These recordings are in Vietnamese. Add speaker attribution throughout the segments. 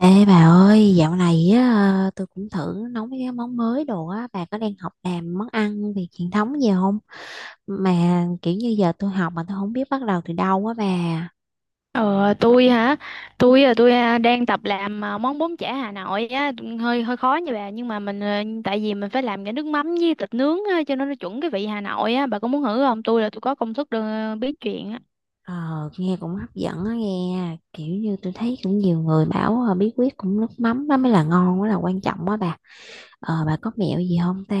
Speaker 1: Ê bà ơi, dạo này tôi cũng thử nấu mấy cái món mới đồ á, bà có đang học làm món ăn Việt truyền thống gì không? Mà kiểu như giờ tôi học mà tôi không biết bắt đầu từ đâu á bà.
Speaker 2: Ờ, tôi hả? Tôi đang tập làm món bún chả Hà Nội á, hơi hơi khó nha bà, nhưng mà tại vì mình phải làm cái nước mắm với thịt nướng á, cho nên nó chuẩn cái vị Hà Nội á, bà có muốn thử không? Tôi có công thức được biết chuyện á.
Speaker 1: Ờ, Nghe cũng hấp dẫn á nghe, kiểu như tôi thấy cũng nhiều người bảo bí quyết cũng nước mắm đó mới là ngon, mới là quan trọng á bà. Ờ, bà có mẹo gì không ta?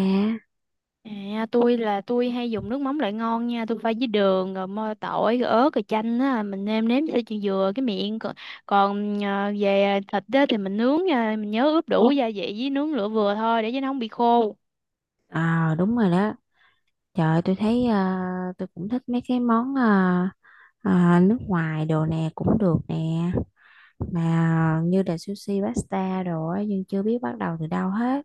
Speaker 2: À, tôi hay dùng nước mắm loại ngon nha, tôi pha với đường rồi mơ tỏi rồi ớt rồi chanh á, mình nêm nếm cho chị vừa cái miệng còn, còn à, về thịt á, thì mình nướng nha, mình nhớ ướp đủ gia vị với nướng lửa vừa thôi để cho nó không bị khô.
Speaker 1: Ờ, đúng rồi đó. Trời ơi, tôi thấy tôi cũng thích mấy cái món nước ngoài đồ nè cũng được nè, mà như là sushi pasta đồ á nhưng chưa biết bắt đầu từ đâu hết.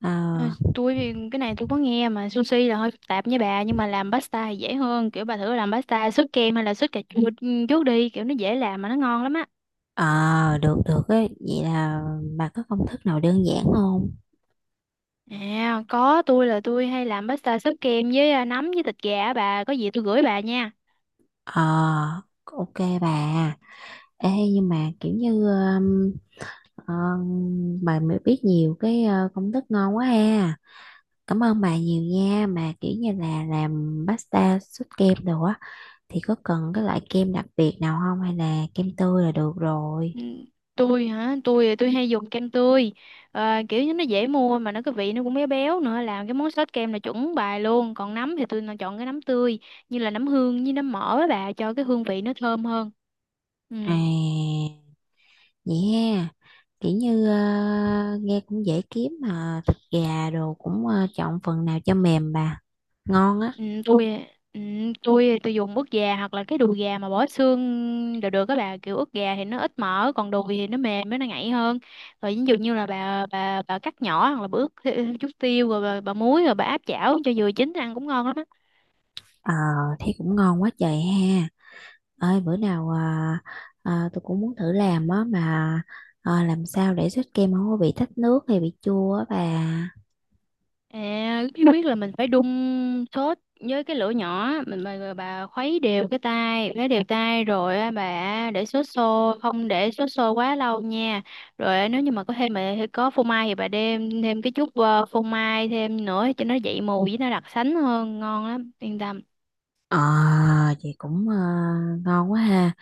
Speaker 1: ờ
Speaker 2: Ờ, tôi thì cái này tôi có nghe mà sushi là hơi phức tạp với bà, nhưng mà làm pasta thì dễ hơn. Kiểu bà thử làm pasta sốt kem hay là sốt cà chua trước đi, kiểu nó dễ làm mà nó ngon lắm á.
Speaker 1: ờ Được được, ấy vậy là bà có công thức nào đơn giản không?
Speaker 2: À có, tôi hay làm pasta sốt kem với nấm với thịt gà á, bà có gì tôi gửi bà nha.
Speaker 1: Ờ, ok bà. Ê nhưng mà kiểu như ờ, bà mới biết nhiều cái công thức ngon quá ha. Cảm ơn bà nhiều nha, mà kiểu như là làm pasta sốt kem đồ á thì có cần cái loại kem đặc biệt nào không hay là kem tươi là được rồi?
Speaker 2: Ừ, tôi hả? Tôi hay dùng kem tươi. Ờ, kiểu như nó dễ mua mà nó cái vị nó cũng béo béo nữa, làm cái món sốt kem là chuẩn bài luôn. Còn nấm thì tôi chọn cái nấm tươi như là nấm hương với nấm mỡ á bà, cho cái hương vị nó thơm hơn. Ừ.
Speaker 1: À vậy ha, kiểu như nghe cũng dễ kiếm, mà thịt gà đồ cũng chọn phần nào cho mềm bà. Ngon á.
Speaker 2: Ừ, ừ, tôi dùng ức gà hoặc là cái đùi gà mà bỏ xương đều được các bà. Kiểu ức gà thì nó ít mỡ, còn đùi thì nó mềm với nó ngậy hơn. Rồi ví dụ như là bà cắt nhỏ, hoặc là bà ướp thêm chút tiêu rồi bà muối rồi bà áp chảo cho vừa chín ăn cũng ngon lắm á.
Speaker 1: Ờ, thấy cũng ngon quá trời ha. Ơi bữa nào tôi cũng muốn thử làm á, mà làm sao để sốt kem không có bị thách nước hay bị chua á bà.
Speaker 2: À, biết biết là mình phải đun sốt với cái lửa nhỏ mình bà, bà khuấy đều tay rồi á, bà để sốt sôi, không để sốt sôi quá lâu nha. Rồi á, nếu như mà có thêm mà có phô mai thì bà đem thêm cái chút phô mai thêm nữa cho nó dậy mùi với nó đặc sánh hơn, ngon lắm yên tâm.
Speaker 1: Ờ, Vậy cũng ngon quá ha.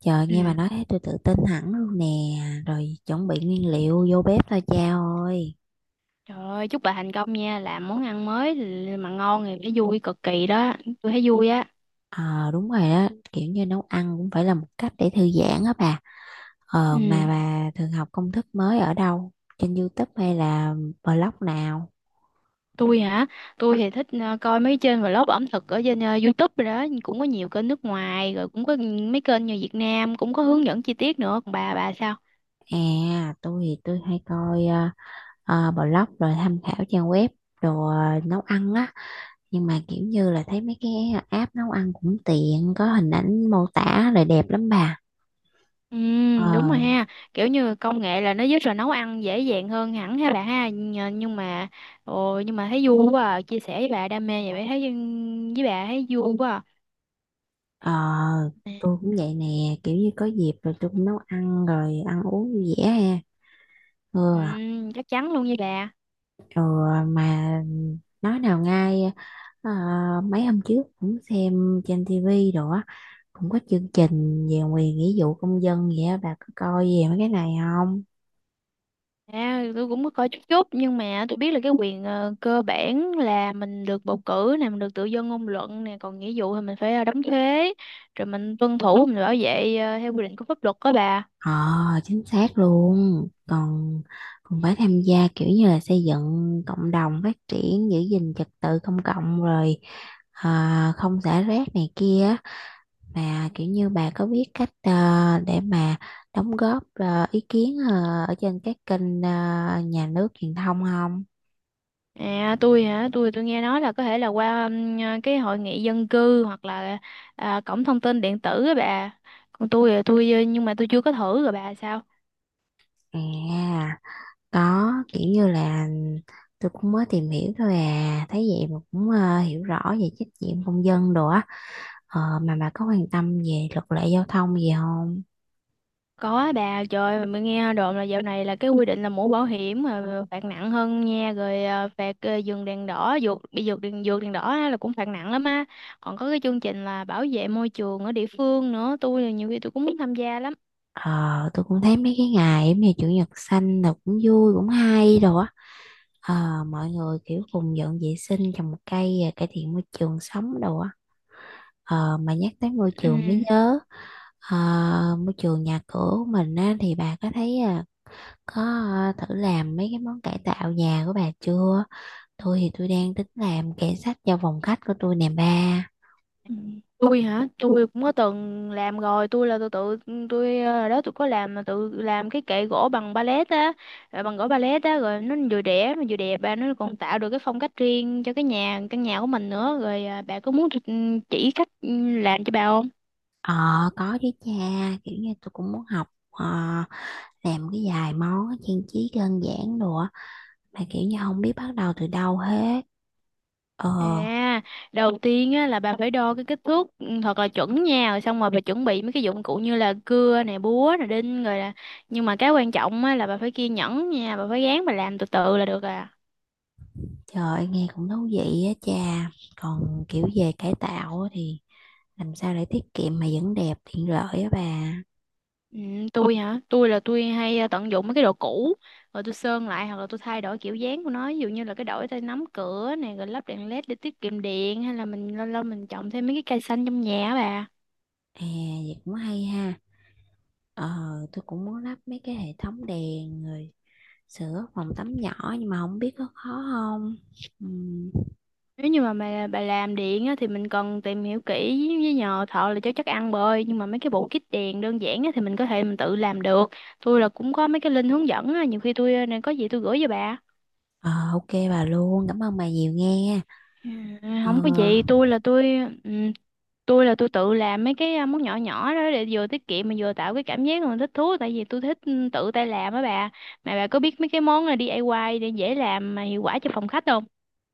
Speaker 1: Trời nghe bà
Speaker 2: Ừ.
Speaker 1: nói thấy tôi tự tin hẳn luôn nè. Rồi chuẩn bị nguyên liệu vô bếp thôi cha ơi.
Speaker 2: Trời ơi, chúc bà thành công nha, làm món ăn mới mà ngon thì phải vui cực kỳ đó, tôi thấy vui á.
Speaker 1: Ờ đúng rồi đó, kiểu như nấu ăn cũng phải là một cách để thư giãn á bà. Ờ mà
Speaker 2: Ừ.
Speaker 1: bà thường học công thức mới ở đâu, trên YouTube hay là blog nào?
Speaker 2: Tôi hả? Tôi thì thích coi mấy trên vlog ẩm thực ở trên YouTube rồi đó, cũng có nhiều kênh nước ngoài, rồi cũng có mấy kênh như Việt Nam cũng có hướng dẫn chi tiết nữa. Còn bà sao?
Speaker 1: À tôi thì tôi hay coi blog rồi tham khảo trang web đồ nấu ăn á, nhưng mà kiểu như là thấy mấy cái app nấu ăn cũng tiện, có hình ảnh mô tả rồi đẹp lắm bà.
Speaker 2: Ừ,
Speaker 1: ờ
Speaker 2: đúng rồi ha, kiểu như công nghệ là nó giúp rồi nấu ăn dễ dàng hơn hẳn ha bà ha. Nhưng mà ồ, nhưng mà thấy vui quá à, chia sẻ với bà đam mê vậy, bà thấy với bà thấy vui quá à.
Speaker 1: ờ tôi cũng vậy nè, kiểu như có dịp rồi tôi cũng nấu ăn rồi ăn uống vui vẻ ha. ừ
Speaker 2: Ừ, chắc chắn luôn với bà.
Speaker 1: Ừ, mà nói nào ngay, ờ, mấy hôm trước cũng xem trên tivi đồ á, cũng có chương trình về quyền nghĩa vụ công dân, vậy á bà có coi về mấy cái này không?
Speaker 2: À, tôi cũng có coi chút chút, nhưng mà tôi biết là cái quyền cơ bản là mình được bầu cử nè, mình được tự do ngôn luận nè, còn nghĩa vụ thì mình phải đóng thuế, rồi mình tuân thủ, mình bảo vệ theo quy định của pháp luật đó bà.
Speaker 1: Ờ chính xác luôn, còn còn phải tham gia kiểu như là xây dựng cộng đồng phát triển, giữ gìn trật tự công cộng, rồi à, không xả rác này kia. Mà kiểu như bà có biết cách để mà đóng góp ý kiến ở trên các kênh nhà nước truyền thông không?
Speaker 2: À, tôi hả, tôi nghe nói là có thể là qua cái hội nghị dân cư hoặc là cổng thông tin điện tử á bà. Còn tôi thì nhưng mà tôi chưa có thử. Rồi bà sao?
Speaker 1: À, có, kiểu như là tôi cũng mới tìm hiểu thôi à, thấy vậy mà cũng hiểu rõ về trách nhiệm công dân đồ á. Ờ, mà bà có quan tâm về luật lệ giao thông gì không?
Speaker 2: Có bà, trời ơi, mình nghe đồn là dạo này là cái quy định là mũ bảo hiểm mà phạt nặng hơn nha, rồi phạt dừng đèn đỏ, vượt đèn đỏ á, là cũng phạt nặng lắm á. Còn có cái chương trình là bảo vệ môi trường ở địa phương nữa, tôi nhiều khi cũng muốn tham gia lắm.
Speaker 1: Ờ, tôi cũng thấy mấy cái ngày giống như chủ nhật xanh là cũng vui cũng hay đồ á. Ờ, mọi người kiểu cùng dọn vệ sinh, trồng một cây à, cải thiện môi trường sống đồ á. Ờ, mà nhắc tới môi
Speaker 2: Ừ.
Speaker 1: trường mới nhớ, ờ, môi trường nhà cửa của mình á, thì bà có thấy à, có à, thử làm mấy cái món cải tạo nhà của bà chưa? Tôi thì tôi đang tính làm kệ sách cho phòng khách của tôi nè ba.
Speaker 2: Ừ. Tôi hả? Tôi cũng có từng làm rồi, tôi là tôi tự tôi ờ, đó tôi có làm mà tự làm cái kệ gỗ bằng pallet á ờ, bằng gỗ pallet á, rồi nó vừa rẻ mà vừa đẹp bà, nó còn tạo được cái phong cách riêng cho cái nhà căn nhà của mình nữa. Rồi ờ, bà có muốn tôi chỉ cách làm cho bà không?
Speaker 1: Ờ có chứ cha, kiểu như tôi cũng muốn học làm cái vài món trang trí đơn giản đồ á, mà kiểu như không biết bắt đầu từ đâu hết. Ờ
Speaker 2: À, đầu tiên á là bà phải đo cái kích thước thật là chuẩn nha, rồi xong rồi bà chuẩn bị mấy cái dụng cụ như là cưa nè, búa nè, đinh, rồi là nhưng mà cái quan trọng á là bà phải kiên nhẫn nha, bà phải gán, bà làm từ từ là được à.
Speaker 1: trời ơi, nghe cũng thú vị á cha. Còn kiểu về cải tạo á thì làm sao để tiết kiệm mà vẫn đẹp tiện lợi á bà?
Speaker 2: Ừ, tôi hả? Tôi hay tận dụng mấy cái đồ cũ rồi tôi sơn lại, hoặc là tôi thay đổi kiểu dáng của nó, ví dụ như là cái đổi tay nắm cửa này, rồi lắp đèn led để tiết kiệm điện, hay là mình lâu lâu mình trồng thêm mấy cái cây xanh trong nhà á bà.
Speaker 1: À vậy cũng hay ha. Ờ tôi cũng muốn lắp mấy cái hệ thống đèn rồi sửa phòng tắm nhỏ, nhưng mà không biết có khó không. Ừm,
Speaker 2: Nếu như mà bà làm điện á, thì mình cần tìm hiểu kỹ với nhờ thợ là cho chắc ăn bơi, nhưng mà mấy cái bộ kit đèn đơn giản á, thì mình có thể mình tự làm được. Tôi là cũng có mấy cái link hướng dẫn á, nhiều khi tôi à, này có gì tôi gửi cho bà.
Speaker 1: ờ ok bà luôn, cảm ơn bà nhiều nghe.
Speaker 2: Ừ,
Speaker 1: Ờ
Speaker 2: không có gì, tôi là tôi ừ, tôi là tôi tự làm mấy cái món nhỏ nhỏ đó để vừa tiết kiệm mà vừa tạo cái cảm giác mà thích thú, tại vì tôi thích tự tay làm á bà. Mà bà có biết mấy cái món là DIY để dễ làm mà hiệu quả cho phòng khách không?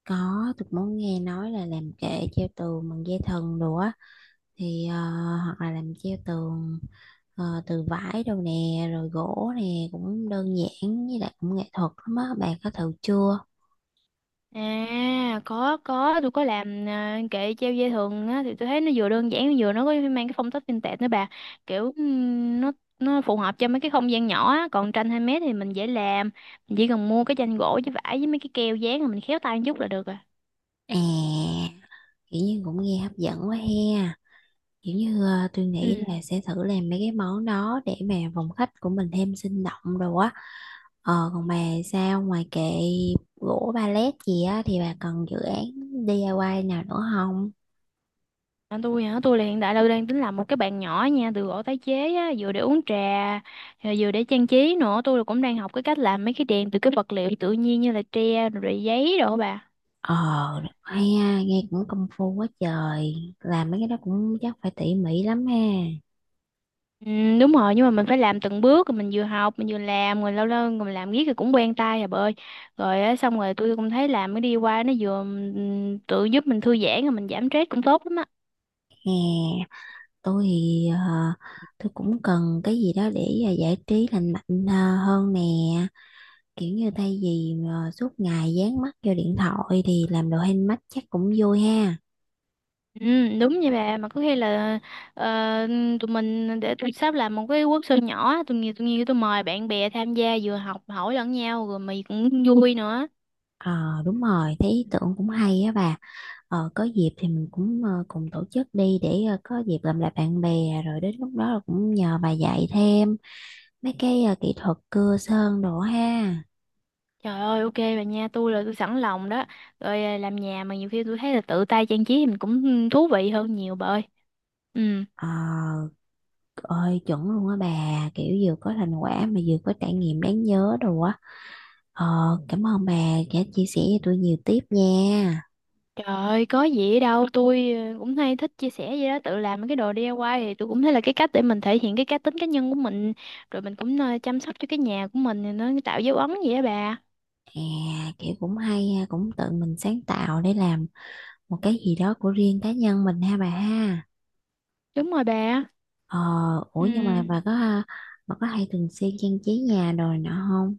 Speaker 1: có, tôi cũng muốn, nghe nói là làm kệ treo tường bằng dây thần đồ á thì hoặc là làm treo tường từ vải đâu nè rồi gỗ nè, cũng đơn giản với lại cũng nghệ thuật lắm á, bà có thử chưa?
Speaker 2: À có, tôi có làm kệ treo dây thừng á, thì tôi thấy nó vừa đơn giản, vừa nó có mang cái phong cách vintage nữa bà, kiểu nó phù hợp cho mấy cái không gian nhỏ á. Còn tranh 2 mét thì mình dễ làm, mình chỉ cần mua cái tranh gỗ với vải với mấy cái keo dán, rồi mình khéo tay một chút là được à.
Speaker 1: À kiểu như cũng nghe hấp dẫn quá he, kiểu như tôi nghĩ
Speaker 2: Ừ.
Speaker 1: là sẽ thử làm mấy cái món đó để mà phòng khách của mình thêm sinh động rồi á. Ờ, còn bà sao, ngoài kệ gỗ pallet gì á thì bà cần dự án DIY nào nữa không?
Speaker 2: À, tôi hả? Tôi là hiện tại là tôi đang tính làm một cái bàn nhỏ nha, từ gỗ tái chế á, vừa để uống trà rồi vừa để trang trí nữa. Tôi cũng đang học cái cách làm mấy cái đèn từ cái vật liệu tự nhiên như là tre rồi rồi giấy đồ á bà.
Speaker 1: Ờ hay ha, nghe cũng công phu quá trời, làm mấy cái đó cũng chắc phải tỉ mỉ lắm ha.
Speaker 2: Ừ, đúng rồi, nhưng mà mình phải làm từng bước, rồi mình vừa học mình vừa làm, rồi lâu lâu mình làm riết rồi cũng quen tay à bà ơi. Rồi á, xong rồi tôi cũng thấy làm cái đi qua nó vừa tự giúp mình thư giãn, rồi mình giảm stress cũng tốt lắm á.
Speaker 1: Hè tôi thì tôi cũng cần cái gì đó để giải trí lành mạnh hơn nè, kiểu như thay vì suốt ngày dán mắt vô điện thoại thì làm đồ handmade chắc cũng vui ha.
Speaker 2: Ừ, đúng vậy bà, mà có khi là ờ, tụi mình để tụi sắp làm một cái workshop nhỏ, tụi mời bạn bè tham gia, vừa học hỏi lẫn nhau rồi mày cũng vui nữa.
Speaker 1: Ờ đúng rồi, thấy ý tưởng cũng hay á bà. Ờ có dịp thì mình cũng cùng tổ chức đi, để có dịp làm lại bạn bè, rồi đến lúc đó là cũng nhờ bà dạy thêm mấy cái kỹ thuật cưa sơn đồ ha.
Speaker 2: Trời ơi, ok bà nha, tôi sẵn lòng đó. Rồi à, làm nhà mà nhiều khi tôi thấy là tự tay trang trí thì mình cũng thú vị hơn nhiều bà ơi. Ừ.
Speaker 1: Ờ ơi chuẩn luôn á bà, kiểu vừa có thành quả mà vừa có trải nghiệm đáng nhớ đồ á. Ờ cảm ơn bà đã chia sẻ cho tôi nhiều tiếp nha.
Speaker 2: Trời ơi có gì ở đâu, tôi cũng hay thích chia sẻ vậy đó. Tự làm mấy cái đồ DIY thì tôi cũng thấy là cái cách để mình thể hiện cái cá tính cá nhân của mình, rồi mình cũng chăm sóc cho cái nhà của mình thì nó tạo dấu ấn vậy á bà.
Speaker 1: Thì à, kiểu cũng hay ha, cũng tự mình sáng tạo để làm một cái gì đó của riêng cá nhân mình ha bà ha.
Speaker 2: Đúng rồi bà.
Speaker 1: Ờ ủa
Speaker 2: Ừ,
Speaker 1: nhưng mà bà có à, bà có hay thường xuyên trang trí nhà rồi nọ không?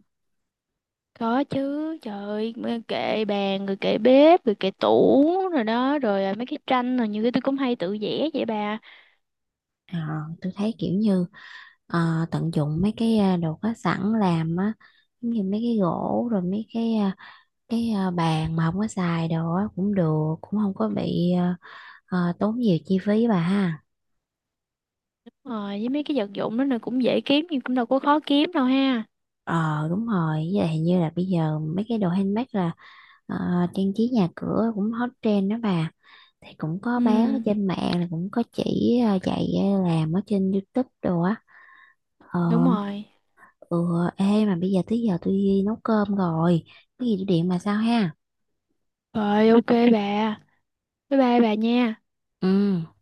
Speaker 2: có chứ. Trời ơi, mấy kệ bàn, rồi kệ bếp, rồi kệ tủ rồi đó, rồi mấy cái tranh, rồi nhiều cái tôi cũng hay tự vẽ vậy bà.
Speaker 1: Ờ tôi thấy kiểu như tận dụng mấy cái à, đồ có sẵn làm á, giống như mấy cái gỗ rồi mấy cái à, bàn mà không có xài đồ á cũng được, cũng không có bị à, tốn nhiều chi phí bà ha.
Speaker 2: Ờ, với mấy cái vật dụng đó là cũng dễ kiếm, nhưng cũng đâu có khó kiếm đâu ha.
Speaker 1: Ờ đúng rồi, với lại hình như là bây giờ mấy cái đồ handmade là, Ờ, trang trí nhà cửa cũng hot trend đó bà, thì cũng có bán ở
Speaker 2: Ừ,
Speaker 1: trên mạng, là cũng có chỉ dạy làm ở trên YouTube đồ á. ờ
Speaker 2: đúng rồi.
Speaker 1: ừ Ê mà bây giờ tới giờ tôi đi nấu cơm rồi, cái gì tôi điện bà sao ha.
Speaker 2: Rồi ok bà. Bye bye bà nha.
Speaker 1: Ừ.